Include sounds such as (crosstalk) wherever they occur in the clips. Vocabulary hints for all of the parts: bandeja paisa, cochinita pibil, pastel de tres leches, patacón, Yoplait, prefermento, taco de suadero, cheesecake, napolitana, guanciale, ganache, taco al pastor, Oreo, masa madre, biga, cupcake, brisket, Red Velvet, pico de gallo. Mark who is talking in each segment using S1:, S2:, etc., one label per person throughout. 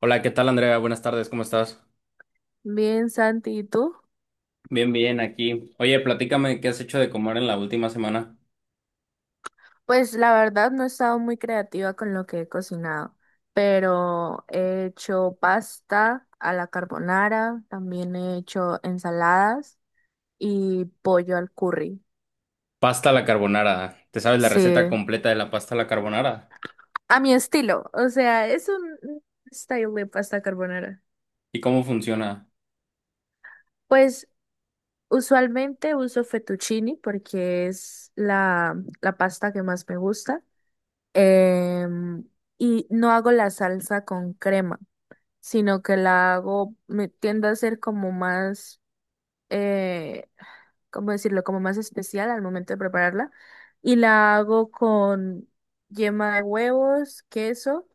S1: Hola, ¿qué tal Andrea? Buenas tardes, ¿cómo estás?
S2: Bien, Santi, ¿y tú?
S1: Bien, bien, aquí. Oye, platícame qué has hecho de comer en la última semana.
S2: Pues la verdad no he estado muy creativa con lo que he cocinado, pero he hecho pasta a la carbonara, también he hecho ensaladas y pollo al curry.
S1: Pasta a la carbonara. ¿Te sabes la
S2: Sí,
S1: receta completa de la pasta a la carbonara?
S2: a mi estilo, o sea, es un style de pasta carbonara.
S1: ¿Y cómo funciona?
S2: Pues usualmente uso fettuccini porque es la pasta que más me gusta. Em, y no hago la salsa con crema, sino que la hago, me tiendo a ser como más, eh, ¿cómo decirlo? Como más especial al momento de prepararla. Y la hago con yema de huevos, queso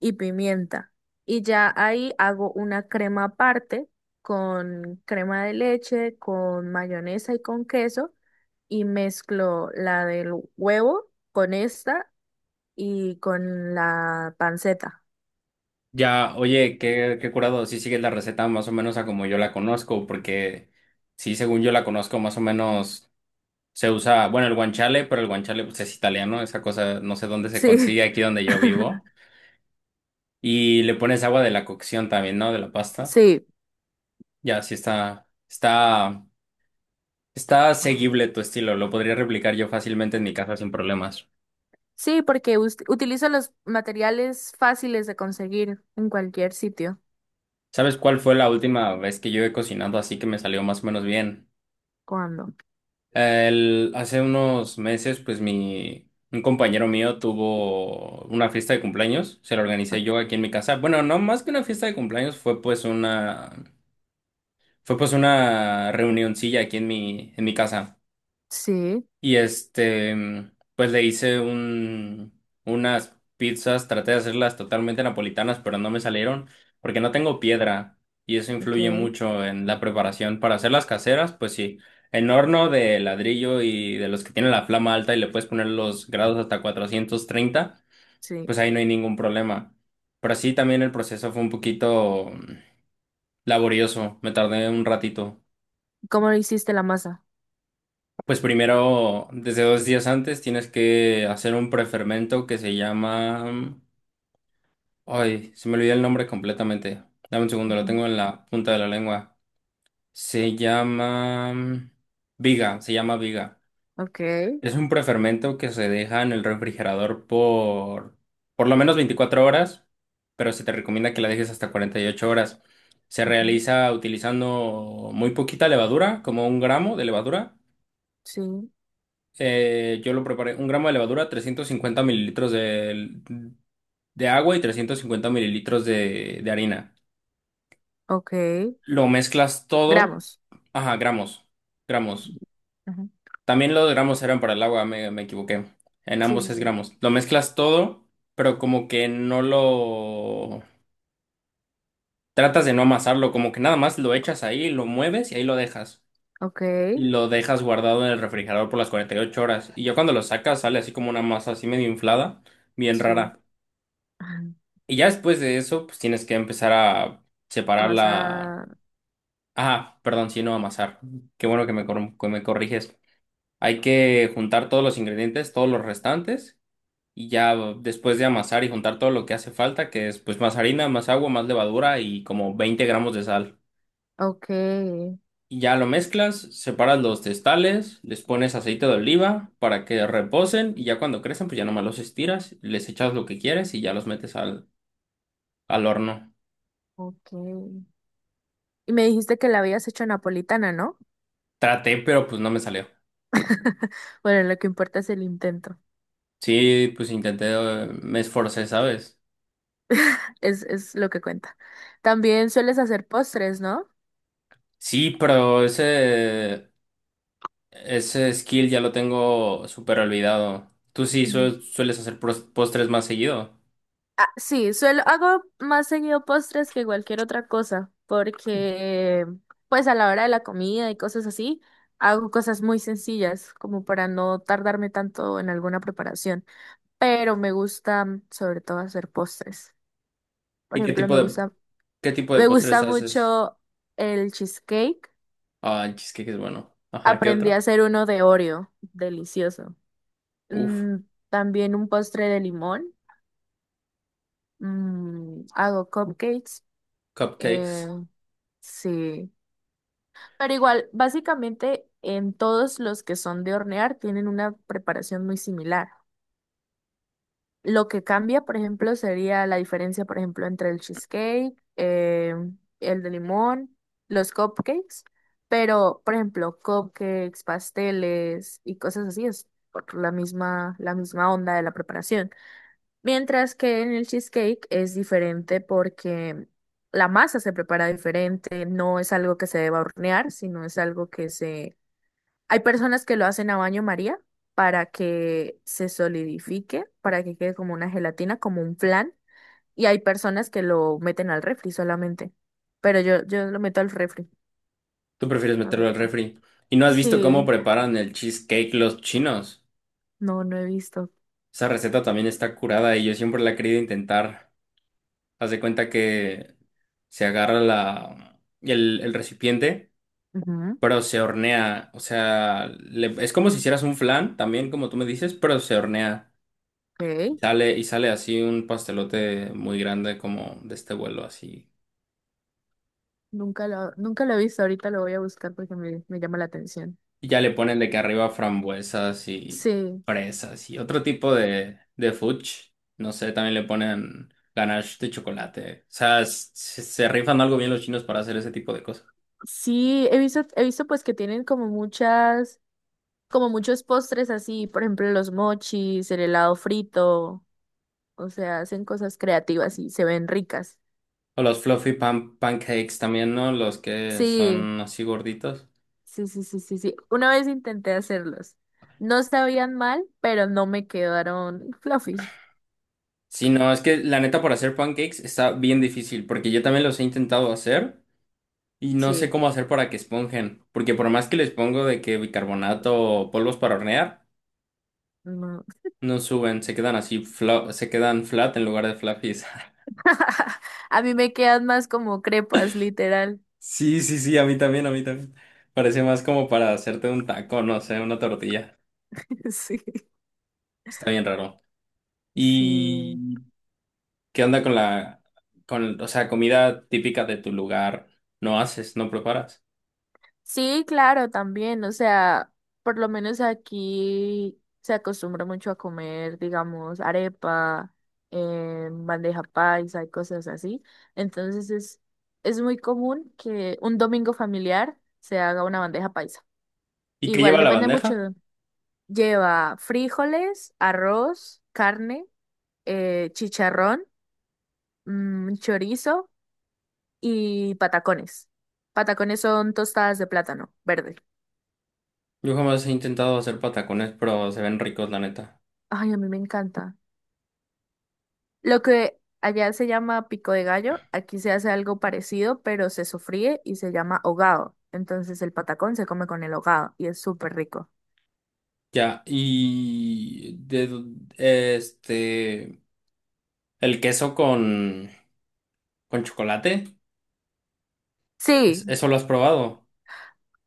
S2: y pimienta. Y ya ahí hago una crema aparte con crema de leche, con mayonesa y con queso. Y mezclo la del huevo con esta y con la panceta.
S1: Ya, oye, qué curado. Sí, sigues la receta más o menos a como yo la conozco, porque sí, según yo la conozco, más o menos se usa, bueno, el guanciale, pero el guanciale pues, es italiano, esa cosa no sé dónde se
S2: Sí.
S1: consigue, aquí donde yo vivo.
S2: (laughs)
S1: Y le pones agua de la cocción también, ¿no? De la pasta.
S2: Sí,
S1: Ya, sí está. Está seguible tu estilo, lo podría replicar yo fácilmente en mi casa sin problemas.
S2: sí, porque utilizo los materiales fáciles de conseguir en cualquier sitio.
S1: ¿Sabes cuál fue la última vez que yo he cocinado así que me salió más o menos bien?
S2: ¿Cuándo?
S1: Hace unos meses, pues un compañero mío tuvo una fiesta de cumpleaños, se la
S2: O-
S1: organicé yo aquí en mi casa. Bueno, no más que una fiesta de cumpleaños, fue pues una reunioncilla aquí en mi casa.
S2: Sí,
S1: Y pues le hice unas pizzas, traté de hacerlas totalmente napolitanas, pero no me salieron porque no tengo piedra y eso
S2: ok,
S1: influye mucho en la preparación. Para hacer las caseras, pues sí, en horno de ladrillo y de los que tienen la flama alta y le puedes poner los grados hasta 430,
S2: sí.
S1: pues ahí no hay ningún problema. Pero sí, también el proceso fue un poquito laborioso, me tardé un ratito.
S2: ¿Cómo hiciste la masa?
S1: Pues primero, desde dos días antes, tienes que hacer un prefermento que se llama… Ay, se me olvidó el nombre completamente. Dame un segundo, lo
S2: Ujú.
S1: tengo en la punta de la lengua. Se llama… Viga, se llama viga.
S2: Ok.
S1: Es un prefermento que se deja en el refrigerador por lo menos 24 horas, pero se te recomienda que la dejes hasta 48 horas. Se
S2: Ujú,
S1: realiza utilizando muy poquita levadura, como 1 gramo de levadura.
S2: sí,
S1: Yo lo preparé, 1 gramo de levadura, 350 mililitros de agua y 350 mililitros de harina.
S2: ok.
S1: Lo mezclas todo.
S2: Gramos.
S1: Ajá, gramos, gramos.
S2: Ujú.
S1: También los gramos eran para el agua, me equivoqué. En
S2: Sí,
S1: ambos
S2: sí,
S1: es
S2: sí.
S1: gramos. Lo mezclas todo, pero como que no lo… Tratas de no amasarlo, como que nada más lo echas ahí, lo mueves y ahí lo dejas.
S2: Ok,
S1: Y lo dejas guardado en el refrigerador por las 48 horas. Y ya cuando lo sacas sale así como una masa así medio inflada, bien
S2: sí.
S1: rara.
S2: Ajá.
S1: Y ya después de eso, pues tienes que empezar a separar la…
S2: Amasar.
S1: Ah, perdón, sí, no amasar. Qué bueno que que me corriges. Hay que juntar todos los ingredientes, todos los restantes, y ya después de amasar y juntar todo lo que hace falta, que es pues más harina, más agua, más levadura y como 20 gramos de sal.
S2: Ok,
S1: Y ya lo mezclas, separas los testales, les pones aceite de oliva para que reposen y ya cuando crecen, pues ya nomás los estiras, les echas lo que quieres y ya los metes al horno.
S2: ok. Y me dijiste que la habías hecho napolitana, ¿no?
S1: Traté, pero pues no me salió.
S2: (laughs) Bueno, lo que importa es el intento.
S1: Sí, pues intenté, me esforcé, ¿sabes?
S2: Es lo que cuenta. También sueles hacer postres, ¿no?
S1: Sí, pero ese skill ya lo tengo súper olvidado. Tú sí
S2: Mm.
S1: sueles hacer postres más seguido.
S2: Ah, sí, hago más seguido postres que cualquier otra cosa, porque pues a la hora de la comida y cosas así, hago cosas muy sencillas, como para no tardarme tanto en alguna preparación, pero me gusta sobre todo hacer postres. Por
S1: ¿Y qué
S2: ejemplo,
S1: tipo
S2: me
S1: de,
S2: gusta,
S1: qué tipo de
S2: me
S1: postres
S2: gusta
S1: haces?
S2: mucho el cheesecake.
S1: Ah, el cheesecake es bueno. Ajá, ¿qué
S2: Aprendí a
S1: otro?
S2: hacer uno de Oreo, delicioso.
S1: Uf,
S2: Mm, También un postre de limón. Hago cupcakes.
S1: cupcakes.
S2: Eh, sí. Pero igual, básicamente en todos los que son de hornear tienen una preparación muy similar. Lo que cambia, por ejemplo, sería la diferencia, por ejemplo, entre el cheesecake, el de limón, los cupcakes, pero, por ejemplo, cupcakes, pasteles y cosas así es por la misma onda de la preparación. Mientras que en el cheesecake es diferente porque la masa se prepara diferente, no es algo que se deba hornear, sino es algo que se hay personas que lo hacen a baño María para que se solidifique, para que quede como una gelatina, como un flan, y hay personas que lo meten al refri solamente. Pero yo lo meto al refri,
S1: Tú prefieres
S2: a
S1: meterlo
S2: ver.
S1: al refri. ¿Y no has visto
S2: Sí,
S1: cómo preparan el cheesecake los chinos?
S2: no he visto.
S1: Esa receta también está curada y yo siempre la he querido intentar. Haz de cuenta que se agarra el recipiente.
S2: Ujú,
S1: Pero se hornea. O sea, es como si hicieras un flan, también como tú me dices, pero se hornea. Y
S2: ok.
S1: sale, y sale así un pastelote muy grande como de este vuelo así.
S2: Nunca lo he visto, ahorita lo voy a buscar porque me llama la atención.
S1: Y ya le ponen de que arriba frambuesas y
S2: Sí,
S1: fresas y otro tipo de fudge. No sé, también le ponen ganache de chocolate. O sea, se rifan algo bien los chinos para hacer ese tipo de cosas.
S2: sí, he visto pues que tienen como muchos postres así, por ejemplo, los mochis, el helado frito. O sea, hacen cosas creativas y se ven ricas.
S1: O los fluffy pancakes también, ¿no? Los que
S2: Sí,
S1: son así gorditos.
S2: sí, sí, sí, sí, sí. Una vez intenté hacerlos. No sabían mal, pero no me quedaron (laughs) fluffy.
S1: Sí, no, es que la neta para hacer pancakes está bien difícil, porque yo también los he intentado hacer y no sé
S2: Sí,
S1: cómo hacer para que esponjen, porque por más que les pongo de que bicarbonato o polvos para hornear,
S2: no.
S1: no suben, se quedan así, se quedan flat en lugar de fluffies. (laughs)
S2: (laughs) A mí me quedan más como crepas, literal.
S1: Sí, sí, sí, a mí también, a mí también. Parece más como para hacerte un taco, no sé, una tortilla.
S2: (laughs) Sí,
S1: Está bien raro.
S2: sí.
S1: ¿Y qué onda con la, o sea, comida típica de tu lugar? ¿No preparas?
S2: Sí, claro, también, o sea, por lo menos aquí se acostumbra mucho a comer, digamos, arepa, bandeja paisa y cosas así. Entonces es muy común que un domingo familiar se haga una bandeja paisa.
S1: ¿Y qué
S2: Igual
S1: lleva la
S2: depende mucho.
S1: bandeja?
S2: Lleva frijoles, arroz, carne, chicharrón, chorizo y patacones. Patacones son tostadas de plátano verde.
S1: Yo jamás he intentado hacer patacones, pero se ven ricos, la neta.
S2: Ay, a mí me encanta. Lo que allá se llama pico de gallo, aquí se hace algo parecido, pero se sofríe y se llama hogado. Entonces el patacón se come con el hogado y es súper rico.
S1: Ya, y de do- este el queso con chocolate,
S2: Sí,
S1: ¿eso lo has probado?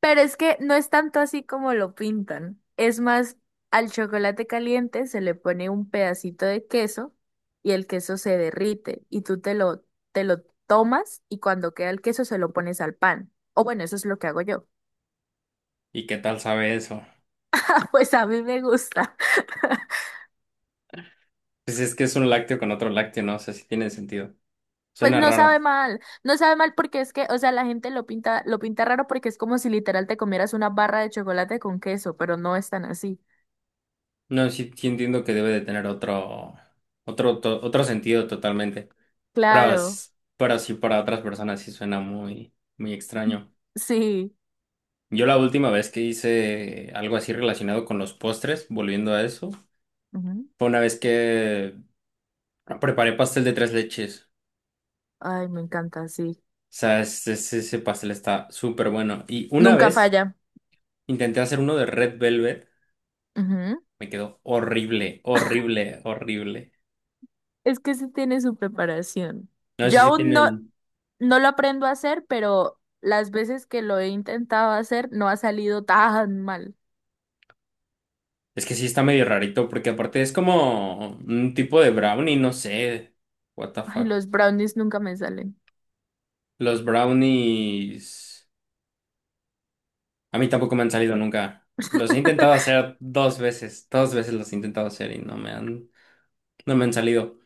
S2: pero es que no es tanto así como lo pintan. Es más, al chocolate caliente se le pone un pedacito de queso y el queso se derrite y tú te lo tomas y cuando queda el queso se lo pones al pan. O bueno, eso es lo que hago yo.
S1: ¿Y qué tal sabe eso?
S2: (laughs) Pues a mí me gusta.
S1: Pues es que es un lácteo con otro lácteo, no sé si tiene sentido.
S2: Pues
S1: Suena
S2: no sabe
S1: raro.
S2: mal, no sabe mal porque es que, o sea, la gente lo pinta raro porque es como si literal te comieras una barra de chocolate con queso, pero no es tan así.
S1: No, sí, sí entiendo que debe de tener otro sentido totalmente. Pero
S2: Claro,
S1: s- pero sí para otras personas sí suena muy muy
S2: (laughs)
S1: extraño.
S2: sí.
S1: Yo la última vez que hice algo así relacionado con los postres, volviendo a eso,
S2: Ujú.
S1: fue una vez que preparé pastel de tres leches. O
S2: Ay, me encanta, sí.
S1: sea, ese pastel está súper bueno. Y una
S2: Nunca
S1: vez
S2: falla.
S1: intenté hacer uno de Red Velvet,
S2: Ujú.
S1: me quedó horrible, horrible, horrible.
S2: Es que sí tiene su preparación.
S1: No sé
S2: Yo
S1: si
S2: aún no,
S1: tienen…
S2: no lo aprendo a hacer, pero las veces que lo he intentado hacer no ha salido tan mal.
S1: Es que sí está medio rarito, porque aparte es como un tipo de brownie, no sé. What the
S2: Ay,
S1: fuck.
S2: los brownies nunca me salen.
S1: Los brownies. A mí tampoco me han salido nunca. Los he intentado hacer dos veces los he intentado hacer y no me han salido.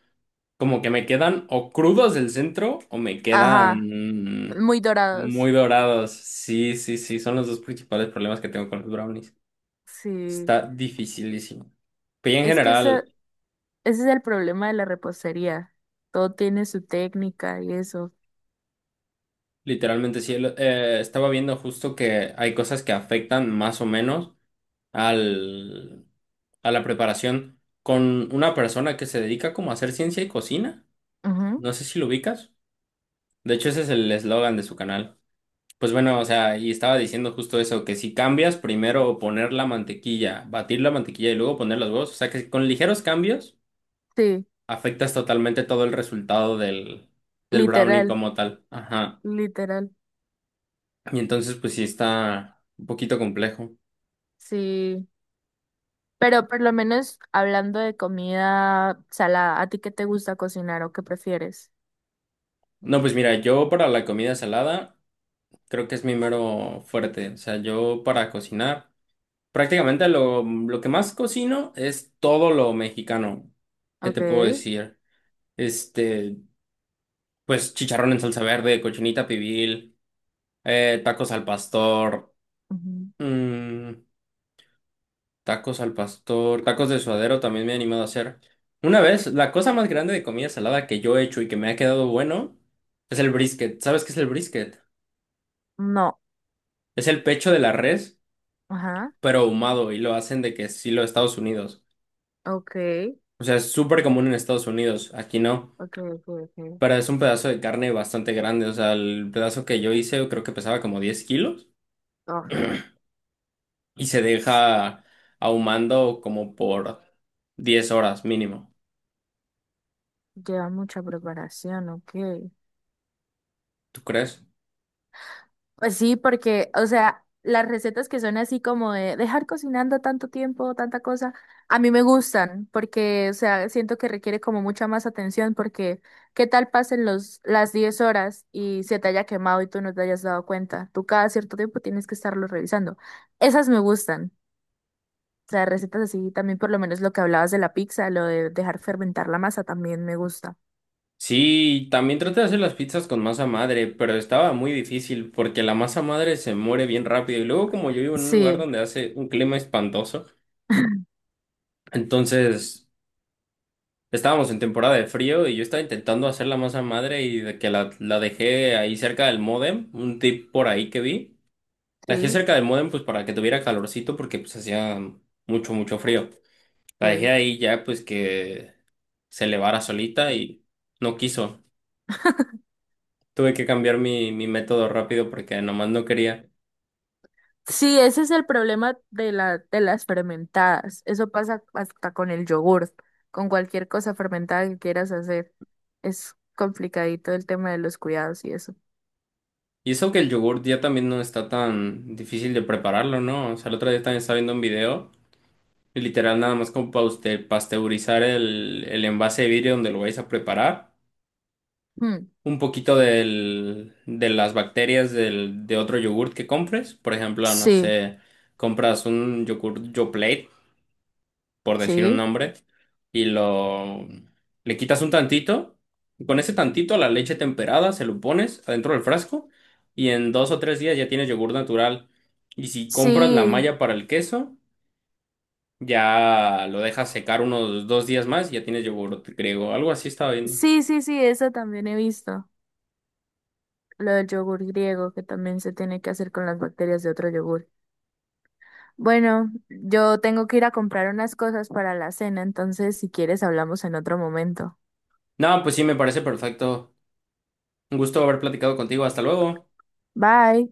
S1: Como que me quedan o crudos del centro o me
S2: Ajá,
S1: quedan
S2: muy dorados.
S1: muy dorados. Sí, sí, sí, son los dos principales problemas que tengo con los brownies.
S2: Sí.
S1: Está dificilísimo. Pero ya en
S2: Es que esa...
S1: general,
S2: Ese es el problema de la repostería. Todo tiene su técnica y eso.
S1: literalmente sí, estaba viendo justo que hay cosas que afectan más o menos al, a la preparación con una persona que se dedica como a hacer ciencia y cocina.
S2: Ujú.
S1: No sé si lo ubicas. De hecho, ese es el eslogan de su canal. Pues bueno, o sea, y estaba diciendo justo eso, que si cambias, primero poner la mantequilla, batir la mantequilla y luego poner los huevos, o sea que si con ligeros cambios
S2: Sí,
S1: afectas totalmente todo el resultado del brownie
S2: literal,
S1: como tal. Ajá.
S2: literal.
S1: Y entonces, pues sí está un poquito complejo.
S2: Sí. Pero por lo menos hablando de comida salada, ¿a ti qué te gusta cocinar o qué prefieres?
S1: No, pues mira, yo para la comida salada creo que es mi mero fuerte. O sea, yo para cocinar. Prácticamente lo que más cocino es todo lo mexicano. ¿Qué
S2: Ok.
S1: te puedo decir? Este, pues chicharrón en salsa verde, cochinita pibil, tacos al pastor,
S2: Ujú.
S1: mm, tacos de suadero también me he animado a hacer. Una vez, la cosa más grande de comida salada que yo he hecho y que me ha quedado bueno es el brisket. ¿Sabes qué es el brisket?
S2: No.
S1: Es el pecho de la res,
S2: Ajá.
S1: pero ahumado y lo hacen de que estilo Estados Unidos.
S2: Ok.
S1: O sea, es súper común en Estados Unidos, aquí no.
S2: Ok, ok, ok.
S1: Pero es un pedazo de carne bastante grande, o sea, el pedazo que yo hice yo creo que pesaba como 10 kilos
S2: Oh,
S1: y se
S2: s-
S1: deja ahumando como por 10 horas mínimo,
S2: lleva mucha preparación, ok.
S1: ¿tú crees?
S2: Pues sí, porque, o sea, las recetas que son así como de dejar cocinando tanto tiempo, tanta cosa, a mí me gustan, porque, o sea, siento que requiere como mucha más atención, porque ¿qué tal pasen las 10 horas y se te haya quemado y tú no te hayas dado cuenta? Tú cada cierto tiempo tienes que estarlo revisando. Esas me gustan. O sea, recetas así, también por lo menos lo que hablabas de la pizza, lo de dejar fermentar la masa también me gusta.
S1: Sí, también traté de hacer las pizzas con masa madre, pero estaba muy difícil porque la masa madre se muere bien rápido y luego como yo vivo en un lugar
S2: Sí,
S1: donde hace un clima espantoso, entonces estábamos en temporada de frío y yo estaba intentando hacer la masa madre y de que la dejé ahí cerca del módem, un tip por ahí que vi. La dejé
S2: sí,
S1: cerca del modem pues para que tuviera calorcito porque pues hacía mucho, mucho frío. La dejé
S2: ok.
S1: ahí ya pues que se elevara solita y no quiso. Tuve que cambiar mi método rápido porque nomás no quería.
S2: Sí, ese es el problema de de las fermentadas. Eso pasa hasta con el yogur, con cualquier cosa fermentada que quieras hacer. Es complicadito el tema de los cuidados y eso.
S1: Y eso que el yogurt ya también no está tan difícil de prepararlo, ¿no? O sea, el otro día también estaba viendo un video y literal nada más como para usted pasteurizar el envase de vidrio donde lo vais a preparar.
S2: Mm,
S1: Un poquito de las bacterias de otro yogurt que compres. Por ejemplo, no
S2: Sí,
S1: sé, compras un yogurt Yoplait, por decir un
S2: sí,
S1: nombre, y lo le quitas un tantito. Con ese tantito, la leche temperada, se lo pones adentro del frasco y en dos o tres días ya tienes yogur natural. Y si compras la
S2: sí,
S1: malla para el queso, ya lo dejas secar unos dos días más y ya tienes yogur griego. Algo así estaba viendo.
S2: sí, sí, sí, eso también he visto. Lo del yogur griego, que también se tiene que hacer con las bacterias de otro yogur. Bueno, yo tengo que ir a comprar unas cosas para la cena. Entonces, si quieres, hablamos en otro momento.
S1: No, pues sí, me parece perfecto. Un gusto haber platicado contigo. Hasta luego.
S2: Bye.